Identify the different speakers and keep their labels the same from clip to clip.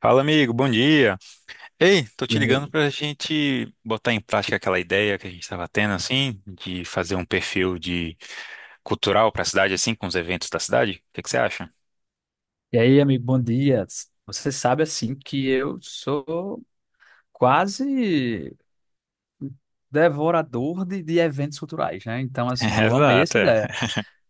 Speaker 1: Fala, amigo, bom dia. Ei, tô te
Speaker 2: E aí,
Speaker 1: ligando pra gente botar em prática aquela ideia que a gente estava tendo, assim, de fazer um perfil de cultural pra cidade, assim, com os eventos da cidade. O que que você acha?
Speaker 2: amigo, bom dia. Você sabe, assim, que eu sou quase devorador de eventos culturais, né? Então, assim, eu amei
Speaker 1: Exato,
Speaker 2: essa
Speaker 1: é.
Speaker 2: ideia.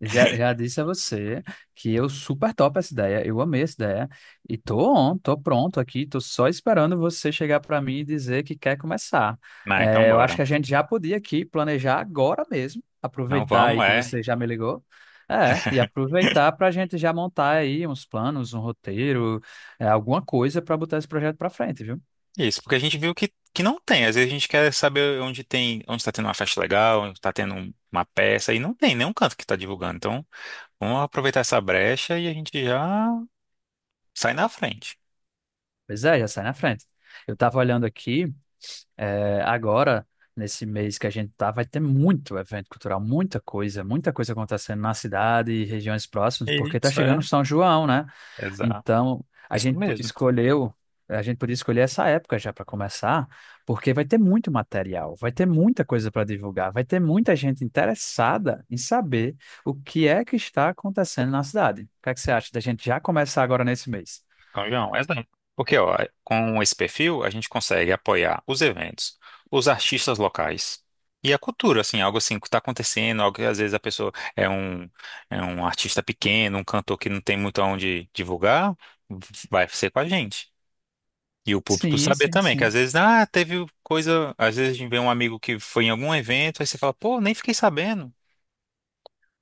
Speaker 2: Já disse a você que eu super topo essa ideia, eu amei essa ideia e tô on, tô pronto aqui, tô só esperando você chegar para mim e dizer que quer começar.
Speaker 1: Não, então
Speaker 2: É, eu acho
Speaker 1: bora.
Speaker 2: que a gente já podia aqui planejar agora mesmo,
Speaker 1: Não
Speaker 2: aproveitar
Speaker 1: vamos,
Speaker 2: aí que
Speaker 1: é.
Speaker 2: você já me ligou, e aproveitar para a gente já montar aí uns planos, um roteiro, alguma coisa para botar esse projeto para frente, viu?
Speaker 1: Isso, porque a gente viu que não tem. Às vezes a gente quer saber onde tem, onde está tendo uma festa legal, onde está tendo uma peça, e não tem nenhum canto que está divulgando. Então, vamos aproveitar essa brecha e a gente já sai na frente.
Speaker 2: Pois é, já sai na frente. Eu tava olhando aqui. É, agora, nesse mês que a gente tá, vai ter muito evento cultural, muita coisa acontecendo na cidade e regiões próximas, porque tá
Speaker 1: Isso, é.
Speaker 2: chegando São João, né?
Speaker 1: Exato.
Speaker 2: Então,
Speaker 1: Isso mesmo.
Speaker 2: escolheu, a gente podia escolher essa época já para começar, porque vai ter muito material, vai ter muita coisa para divulgar, vai ter muita gente interessada em saber o que é que está acontecendo na cidade. O que é que você acha da gente já começar agora nesse mês?
Speaker 1: Então, João, é exato. Porque ó, com esse perfil a gente consegue apoiar os eventos, os artistas locais e a cultura, assim, algo assim que está acontecendo, algo que às vezes a pessoa é um artista pequeno, um cantor que não tem muito aonde divulgar, vai ser com a gente. E o público
Speaker 2: Sim,
Speaker 1: saber
Speaker 2: sim,
Speaker 1: também, que às
Speaker 2: sim.
Speaker 1: vezes, ah, teve coisa, às vezes a gente vê um amigo que foi em algum evento, aí você fala, pô, nem fiquei sabendo.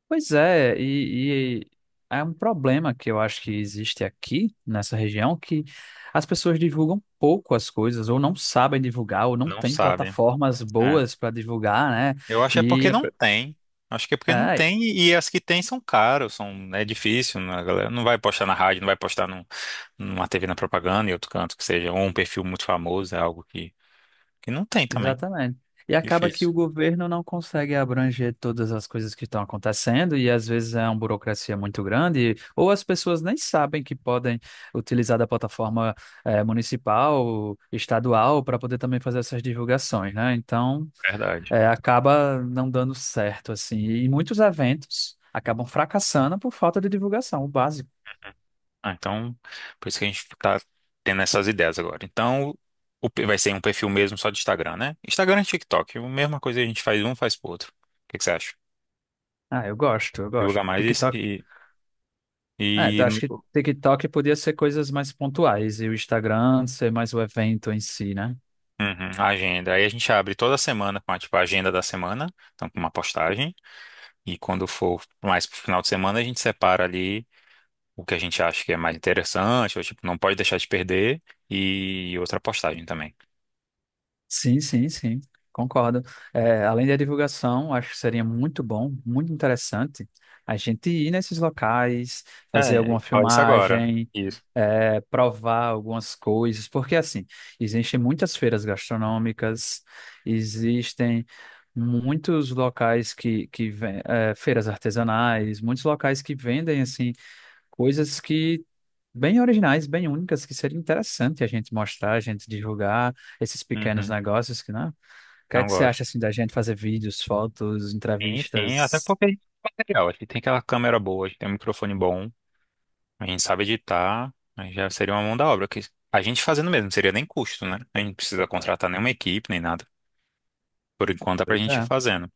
Speaker 2: Pois é, e é um problema que eu acho que existe aqui nessa região, que as pessoas divulgam pouco as coisas, ou não sabem divulgar, ou não
Speaker 1: Não
Speaker 2: têm
Speaker 1: sabe.
Speaker 2: plataformas boas para divulgar, né?
Speaker 1: Eu acho que é
Speaker 2: E
Speaker 1: porque não tem. Acho que é porque não
Speaker 2: é, é,
Speaker 1: tem e as que tem são caras, são, é difícil, né? A galera não vai postar na rádio, não vai postar num, numa TV na propaganda e outro canto que seja, ou um perfil muito famoso, é algo que não tem também.
Speaker 2: exatamente. E acaba que
Speaker 1: Difícil.
Speaker 2: o governo não consegue abranger todas as coisas que estão acontecendo, e às vezes é uma burocracia muito grande, ou as pessoas nem sabem que podem utilizar da plataforma, municipal, estadual, para poder também fazer essas divulgações, né?
Speaker 1: Verdade.
Speaker 2: Acaba não dando certo, assim. E muitos eventos acabam fracassando por falta de divulgação, o básico.
Speaker 1: Ah, então, por isso que a gente tá tendo essas ideias agora. Então, vai ser um perfil mesmo só de Instagram, né? Instagram e TikTok, a mesma coisa a gente faz um, faz pro outro. O que que você acha?
Speaker 2: Ah, eu gosto, eu gosto.
Speaker 1: Divulgar mais
Speaker 2: TikTok.
Speaker 1: e,
Speaker 2: É,
Speaker 1: e, e
Speaker 2: eu acho que TikTok podia ser coisas mais pontuais e o Instagram ser mais o evento em si, né?
Speaker 1: uhum, a agenda. Aí a gente abre toda semana com tipo, a agenda da semana, então com uma postagem. E quando for mais pro final de semana, a gente separa ali o que a gente acha que é mais interessante, ou tipo, não pode deixar de perder, e outra postagem também.
Speaker 2: Sim, sim, sim, concordo. É, além da divulgação, acho que seria muito bom, muito interessante a gente ir nesses locais, fazer alguma
Speaker 1: Olha isso agora.
Speaker 2: filmagem,
Speaker 1: Isso.
Speaker 2: provar algumas coisas, porque assim, existem muitas feiras gastronômicas, existem muitos locais feiras artesanais, muitos locais que vendem assim coisas que bem originais, bem únicas, que seria interessante a gente mostrar, a gente divulgar esses pequenos
Speaker 1: Uhum,
Speaker 2: negócios que não. O que é que você
Speaker 1: agora.
Speaker 2: acha assim da gente fazer vídeos, fotos,
Speaker 1: Sim, sim, até
Speaker 2: entrevistas?
Speaker 1: porque a gente tem material, a gente tem aquela câmera boa, a gente tem um microfone bom, a gente sabe editar, aí já seria uma mão da obra, que a gente fazendo mesmo, não seria nem custo, né? A gente não precisa contratar nenhuma equipe, nem nada. Por enquanto dá pra
Speaker 2: Pois
Speaker 1: gente ir
Speaker 2: é,
Speaker 1: fazendo.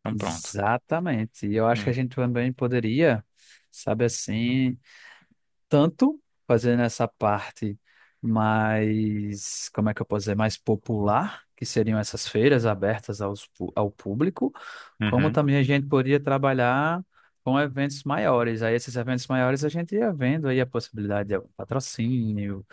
Speaker 1: Então pronto.
Speaker 2: exatamente. E eu acho que a
Speaker 1: Hum.
Speaker 2: gente também poderia, sabe assim, tanto fazendo essa parte mais, como é que eu posso dizer, mais popular, que seriam essas feiras abertas ao público, como
Speaker 1: Uhum.
Speaker 2: também a gente poderia trabalhar com eventos maiores. Aí esses eventos maiores a gente ia vendo aí a possibilidade de algum patrocínio,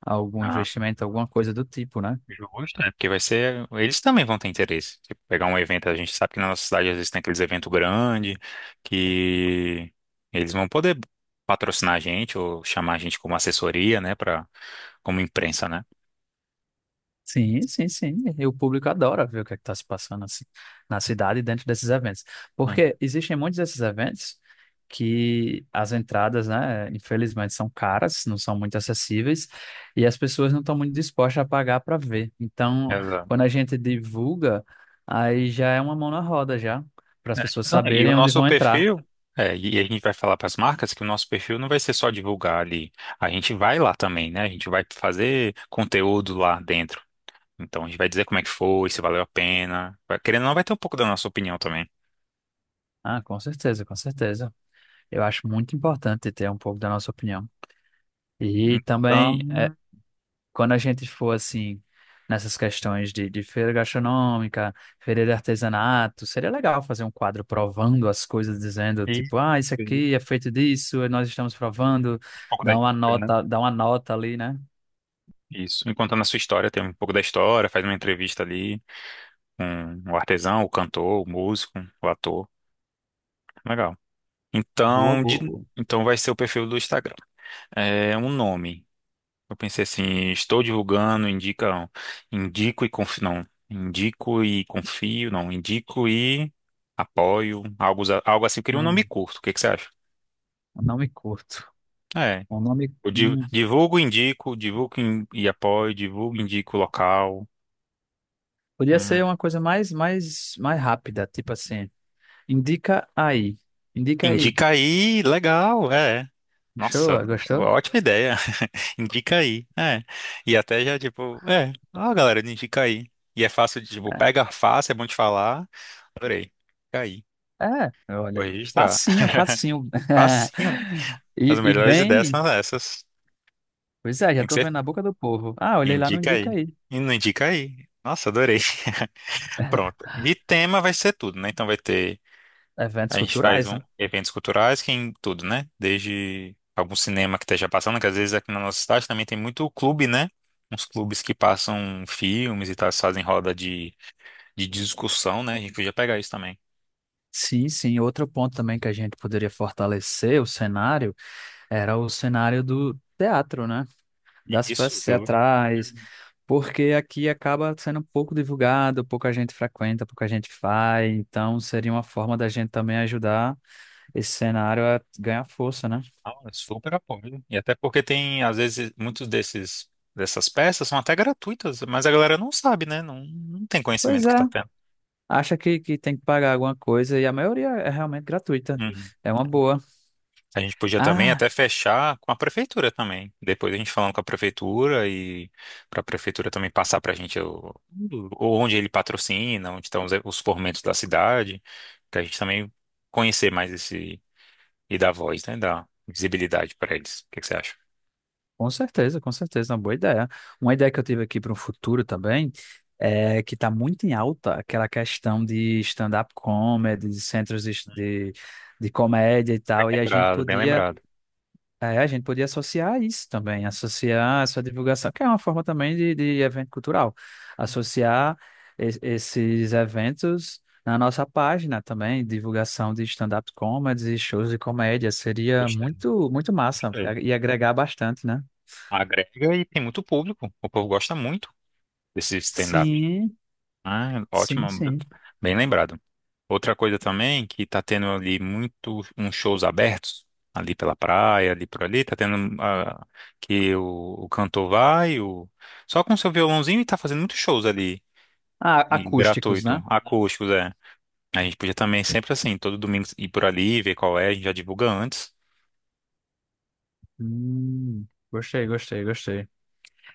Speaker 2: algum
Speaker 1: Ah,
Speaker 2: investimento, alguma coisa do tipo, né?
Speaker 1: justo, é porque vai ser. Eles também vão ter interesse. Tipo, pegar um evento, a gente sabe que na nossa cidade às vezes tem aqueles eventos grandes que eles vão poder patrocinar a gente ou chamar a gente como assessoria, né? Pra, como imprensa, né?
Speaker 2: Sim, sim, sim. E o público adora ver o que é que está se passando assim, na cidade e dentro desses eventos.
Speaker 1: Hum.
Speaker 2: Porque existem muitos desses eventos que as entradas, né, infelizmente são caras, não são muito acessíveis e as pessoas não estão muito dispostas a pagar para ver. Então,
Speaker 1: Exato.
Speaker 2: quando a gente divulga, aí já é uma mão na roda já, para as
Speaker 1: É,
Speaker 2: pessoas
Speaker 1: então, e o
Speaker 2: saberem onde
Speaker 1: nosso
Speaker 2: vão entrar.
Speaker 1: perfil. É, e a gente vai falar para as marcas que o nosso perfil não vai ser só divulgar ali. A gente vai lá também, né? A gente vai fazer conteúdo lá dentro. Então a gente vai dizer como é que foi, se valeu a pena. Querendo ou não, vai ter um pouco da nossa opinião também.
Speaker 2: Ah, com certeza, com certeza. Eu acho muito importante ter um pouco da nossa opinião. E
Speaker 1: Então,
Speaker 2: também quando a gente for assim nessas questões de feira gastronômica, feira de artesanato, seria legal fazer um quadro provando as coisas, dizendo
Speaker 1: isso,
Speaker 2: tipo, ah, isso
Speaker 1: isso,
Speaker 2: aqui é feito disso, e nós estamos provando,
Speaker 1: um pouco da história, né?
Speaker 2: dá uma nota ali, né?
Speaker 1: Isso. Enquanto na sua história, tem um pouco da história, faz uma entrevista ali com o artesão, o cantor, o músico, o ator. Legal.
Speaker 2: Boa,
Speaker 1: Então,
Speaker 2: boa, boa.
Speaker 1: então vai ser o perfil do Instagram. É um nome. Eu pensei assim, estou divulgando, indica, indico e confio, não, indico e confio, não, indico e apoio, algo, algo assim. Eu queria um nome
Speaker 2: Não,
Speaker 1: curto. O que que você acha?
Speaker 2: eu não me curto.
Speaker 1: É.
Speaker 2: O nome,
Speaker 1: Divulgo, indico, divulgo in- e apoio, divulgo, indico o local.
Speaker 2: podia
Speaker 1: Hum.
Speaker 2: ser uma coisa mais, mais, mais rápida, tipo assim, indica aí, indica aí.
Speaker 1: Indica aí, legal, é. Nossa,
Speaker 2: Gostou? Gostou?
Speaker 1: ótima ideia. Indica aí, é. E até já, tipo, é. Ó, galera, indica aí. E é fácil de, tipo, pega fácil, é bom de falar. Adorei. Indica aí.
Speaker 2: É, olha
Speaker 1: Vou
Speaker 2: aí.
Speaker 1: registrar.
Speaker 2: Facinho, facinho.
Speaker 1: Facinho. As
Speaker 2: E
Speaker 1: melhores ideias
Speaker 2: bem,
Speaker 1: são essas.
Speaker 2: pois é, já
Speaker 1: Tem que
Speaker 2: estou
Speaker 1: ser
Speaker 2: vendo na
Speaker 1: assim.
Speaker 2: boca do povo. Ah, olhei lá, não
Speaker 1: Indica
Speaker 2: indica
Speaker 1: aí.
Speaker 2: aí.
Speaker 1: E não indica aí. Nossa, adorei. Pronto. De tema vai ser tudo, né? Então vai ter.
Speaker 2: Eventos
Speaker 1: A gente faz
Speaker 2: culturais,
Speaker 1: um,
Speaker 2: né?
Speaker 1: eventos culturais que é em tudo, né? Desde algum cinema que esteja passando, que às vezes aqui na nossa cidade também tem muito clube, né? Uns clubes que passam filmes e tal, fazem de discussão, né? A gente podia pegar isso também.
Speaker 2: Sim, sim. Outro ponto também que a gente poderia fortalecer o cenário era o cenário do teatro, né? Das
Speaker 1: Isso,
Speaker 2: peças
Speaker 1: viu?
Speaker 2: teatrais,
Speaker 1: Uhum.
Speaker 2: porque aqui acaba sendo pouco divulgado, pouca gente frequenta, pouca gente faz. Então, seria uma forma da gente também ajudar esse cenário a ganhar força, né?
Speaker 1: Ah, super apoio. E até porque tem, às vezes, muitos desses dessas peças são até gratuitas, mas a galera não sabe, né? Não tem
Speaker 2: Pois
Speaker 1: conhecimento que
Speaker 2: é,
Speaker 1: tá tendo.
Speaker 2: acha que tem que pagar alguma coisa e a maioria é realmente gratuita.
Speaker 1: Uhum.
Speaker 2: É uma boa.
Speaker 1: A gente podia também
Speaker 2: Ah,
Speaker 1: até fechar com a prefeitura também. Depois a gente falando com a prefeitura e para a prefeitura também passar para a gente onde ele patrocina, onde estão os formentos da cidade, para a gente também conhecer mais esse e dar voz, né? Dar visibilidade para eles. O que que você acha?
Speaker 2: com certeza, uma boa ideia. Uma ideia que eu tive aqui para o futuro também é que está muito em alta aquela questão de stand-up comedy, de centros de comédia e
Speaker 1: Bem
Speaker 2: tal, e a gente
Speaker 1: lembrado, bem
Speaker 2: podia...
Speaker 1: lembrado.
Speaker 2: É, a gente podia associar isso também, associar essa divulgação, que é uma forma também de evento cultural, associar esses eventos na nossa página também, divulgação de stand-up comedy, e shows de comédia, seria
Speaker 1: Gostei,
Speaker 2: muito, muito massa
Speaker 1: gostei.
Speaker 2: é, e agregar bastante, né?
Speaker 1: Agrega e tem muito público. O povo gosta muito desse stand-up.
Speaker 2: Sim,
Speaker 1: Ah, ótimo,
Speaker 2: sim, sim.
Speaker 1: bem lembrado. Outra coisa também que tá tendo ali muito uns shows abertos ali pela praia, ali por ali, que o, o cantor vai, o, só com seu violãozinho e tá fazendo muitos shows ali
Speaker 2: Ah,
Speaker 1: e
Speaker 2: acústicos,
Speaker 1: gratuito,
Speaker 2: né?
Speaker 1: acústicos, é. A gente podia também sempre assim, todo domingo ir por ali, ver qual é, a gente já divulga antes.
Speaker 2: Hum, gostei, gostei, gostei.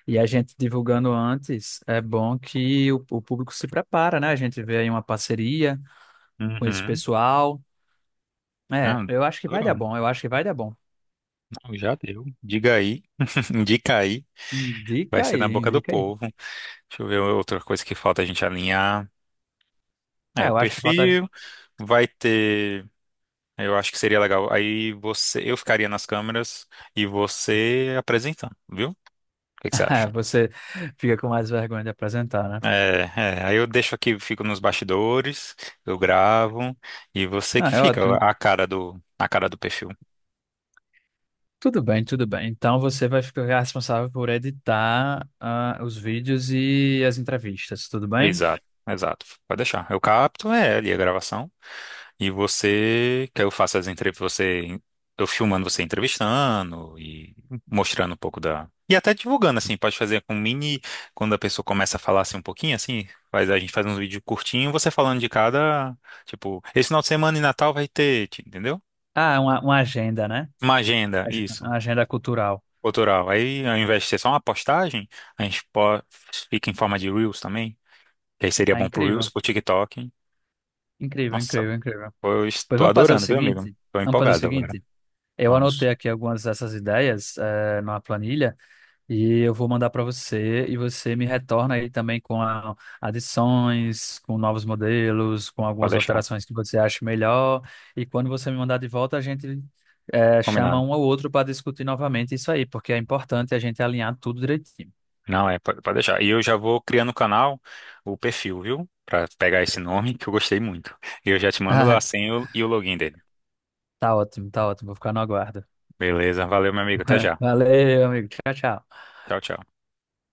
Speaker 2: E a gente divulgando antes, é bom que o público se prepara, né? A gente vê aí uma parceria com esse
Speaker 1: Uhum.
Speaker 2: pessoal. É,
Speaker 1: Ah,
Speaker 2: eu acho que vai dar
Speaker 1: adorando.
Speaker 2: bom, eu acho que vai dar bom.
Speaker 1: Não, já deu. Diga aí, indica aí. Vai
Speaker 2: Indica
Speaker 1: ser na
Speaker 2: aí,
Speaker 1: boca do
Speaker 2: indica aí.
Speaker 1: povo. Deixa eu ver outra coisa que falta a gente alinhar. É,
Speaker 2: Ah,
Speaker 1: o
Speaker 2: eu acho que falta.
Speaker 1: perfil vai ter. Eu acho que seria legal. Aí você, eu ficaria nas câmeras e você apresentando, viu? O que que você
Speaker 2: É,
Speaker 1: acha?
Speaker 2: você fica com mais vergonha de apresentar, né?
Speaker 1: É, é, aí eu deixo aqui, fico nos bastidores, eu gravo e você que
Speaker 2: Ah, é
Speaker 1: fica
Speaker 2: ótimo.
Speaker 1: a cara do perfil.
Speaker 2: Tudo bem, tudo bem. Então você vai ficar responsável por editar os vídeos e as entrevistas, tudo bem?
Speaker 1: Exato, exato. Pode deixar. Eu capto, é, ali a gravação. E você, que eu faço as entrevistas, você, eu filmando você entrevistando e mostrando um pouco da. E até divulgando, assim, pode fazer com mini, quando a pessoa começa a falar assim um pouquinho, assim, a gente faz um vídeo curtinho, você falando de cada, tipo, esse final de semana e Natal vai ter, entendeu?
Speaker 2: Ah, é uma agenda, né?
Speaker 1: Uma agenda, isso,
Speaker 2: Uma agenda cultural.
Speaker 1: cultural. Aí, ao invés de ser só uma postagem, a gente po- fica em forma de Reels também, que aí seria
Speaker 2: Ah,
Speaker 1: bom pro Reels,
Speaker 2: incrível,
Speaker 1: pro TikTok.
Speaker 2: incrível,
Speaker 1: Nossa,
Speaker 2: incrível, incrível.
Speaker 1: eu
Speaker 2: Pois
Speaker 1: estou
Speaker 2: vamos fazer o
Speaker 1: adorando, viu, amigo?
Speaker 2: seguinte,
Speaker 1: Estou
Speaker 2: vamos fazer o
Speaker 1: empolgado agora.
Speaker 2: seguinte. Eu anotei
Speaker 1: Vamos,
Speaker 2: aqui algumas dessas ideias numa planilha. E eu vou mandar para você e você me retorna aí também com adições, com novos modelos, com
Speaker 1: pode
Speaker 2: algumas
Speaker 1: deixar.
Speaker 2: alterações que você acha melhor. E quando você me mandar de volta, a gente chama
Speaker 1: Combinado.
Speaker 2: um ao outro para discutir novamente isso aí, porque é importante a gente alinhar tudo direitinho.
Speaker 1: Não, é, pode, pode deixar. E eu já vou criando o canal, o perfil, viu? Pra pegar esse nome, que eu gostei muito. E eu já te mando
Speaker 2: Ah,
Speaker 1: a senha e o login dele.
Speaker 2: tá ótimo, tá ótimo. Vou ficar no aguardo.
Speaker 1: Beleza, valeu, meu amigo. Até já.
Speaker 2: Valeu, amigo. Tchau, tchau.
Speaker 1: Tchau, tchau.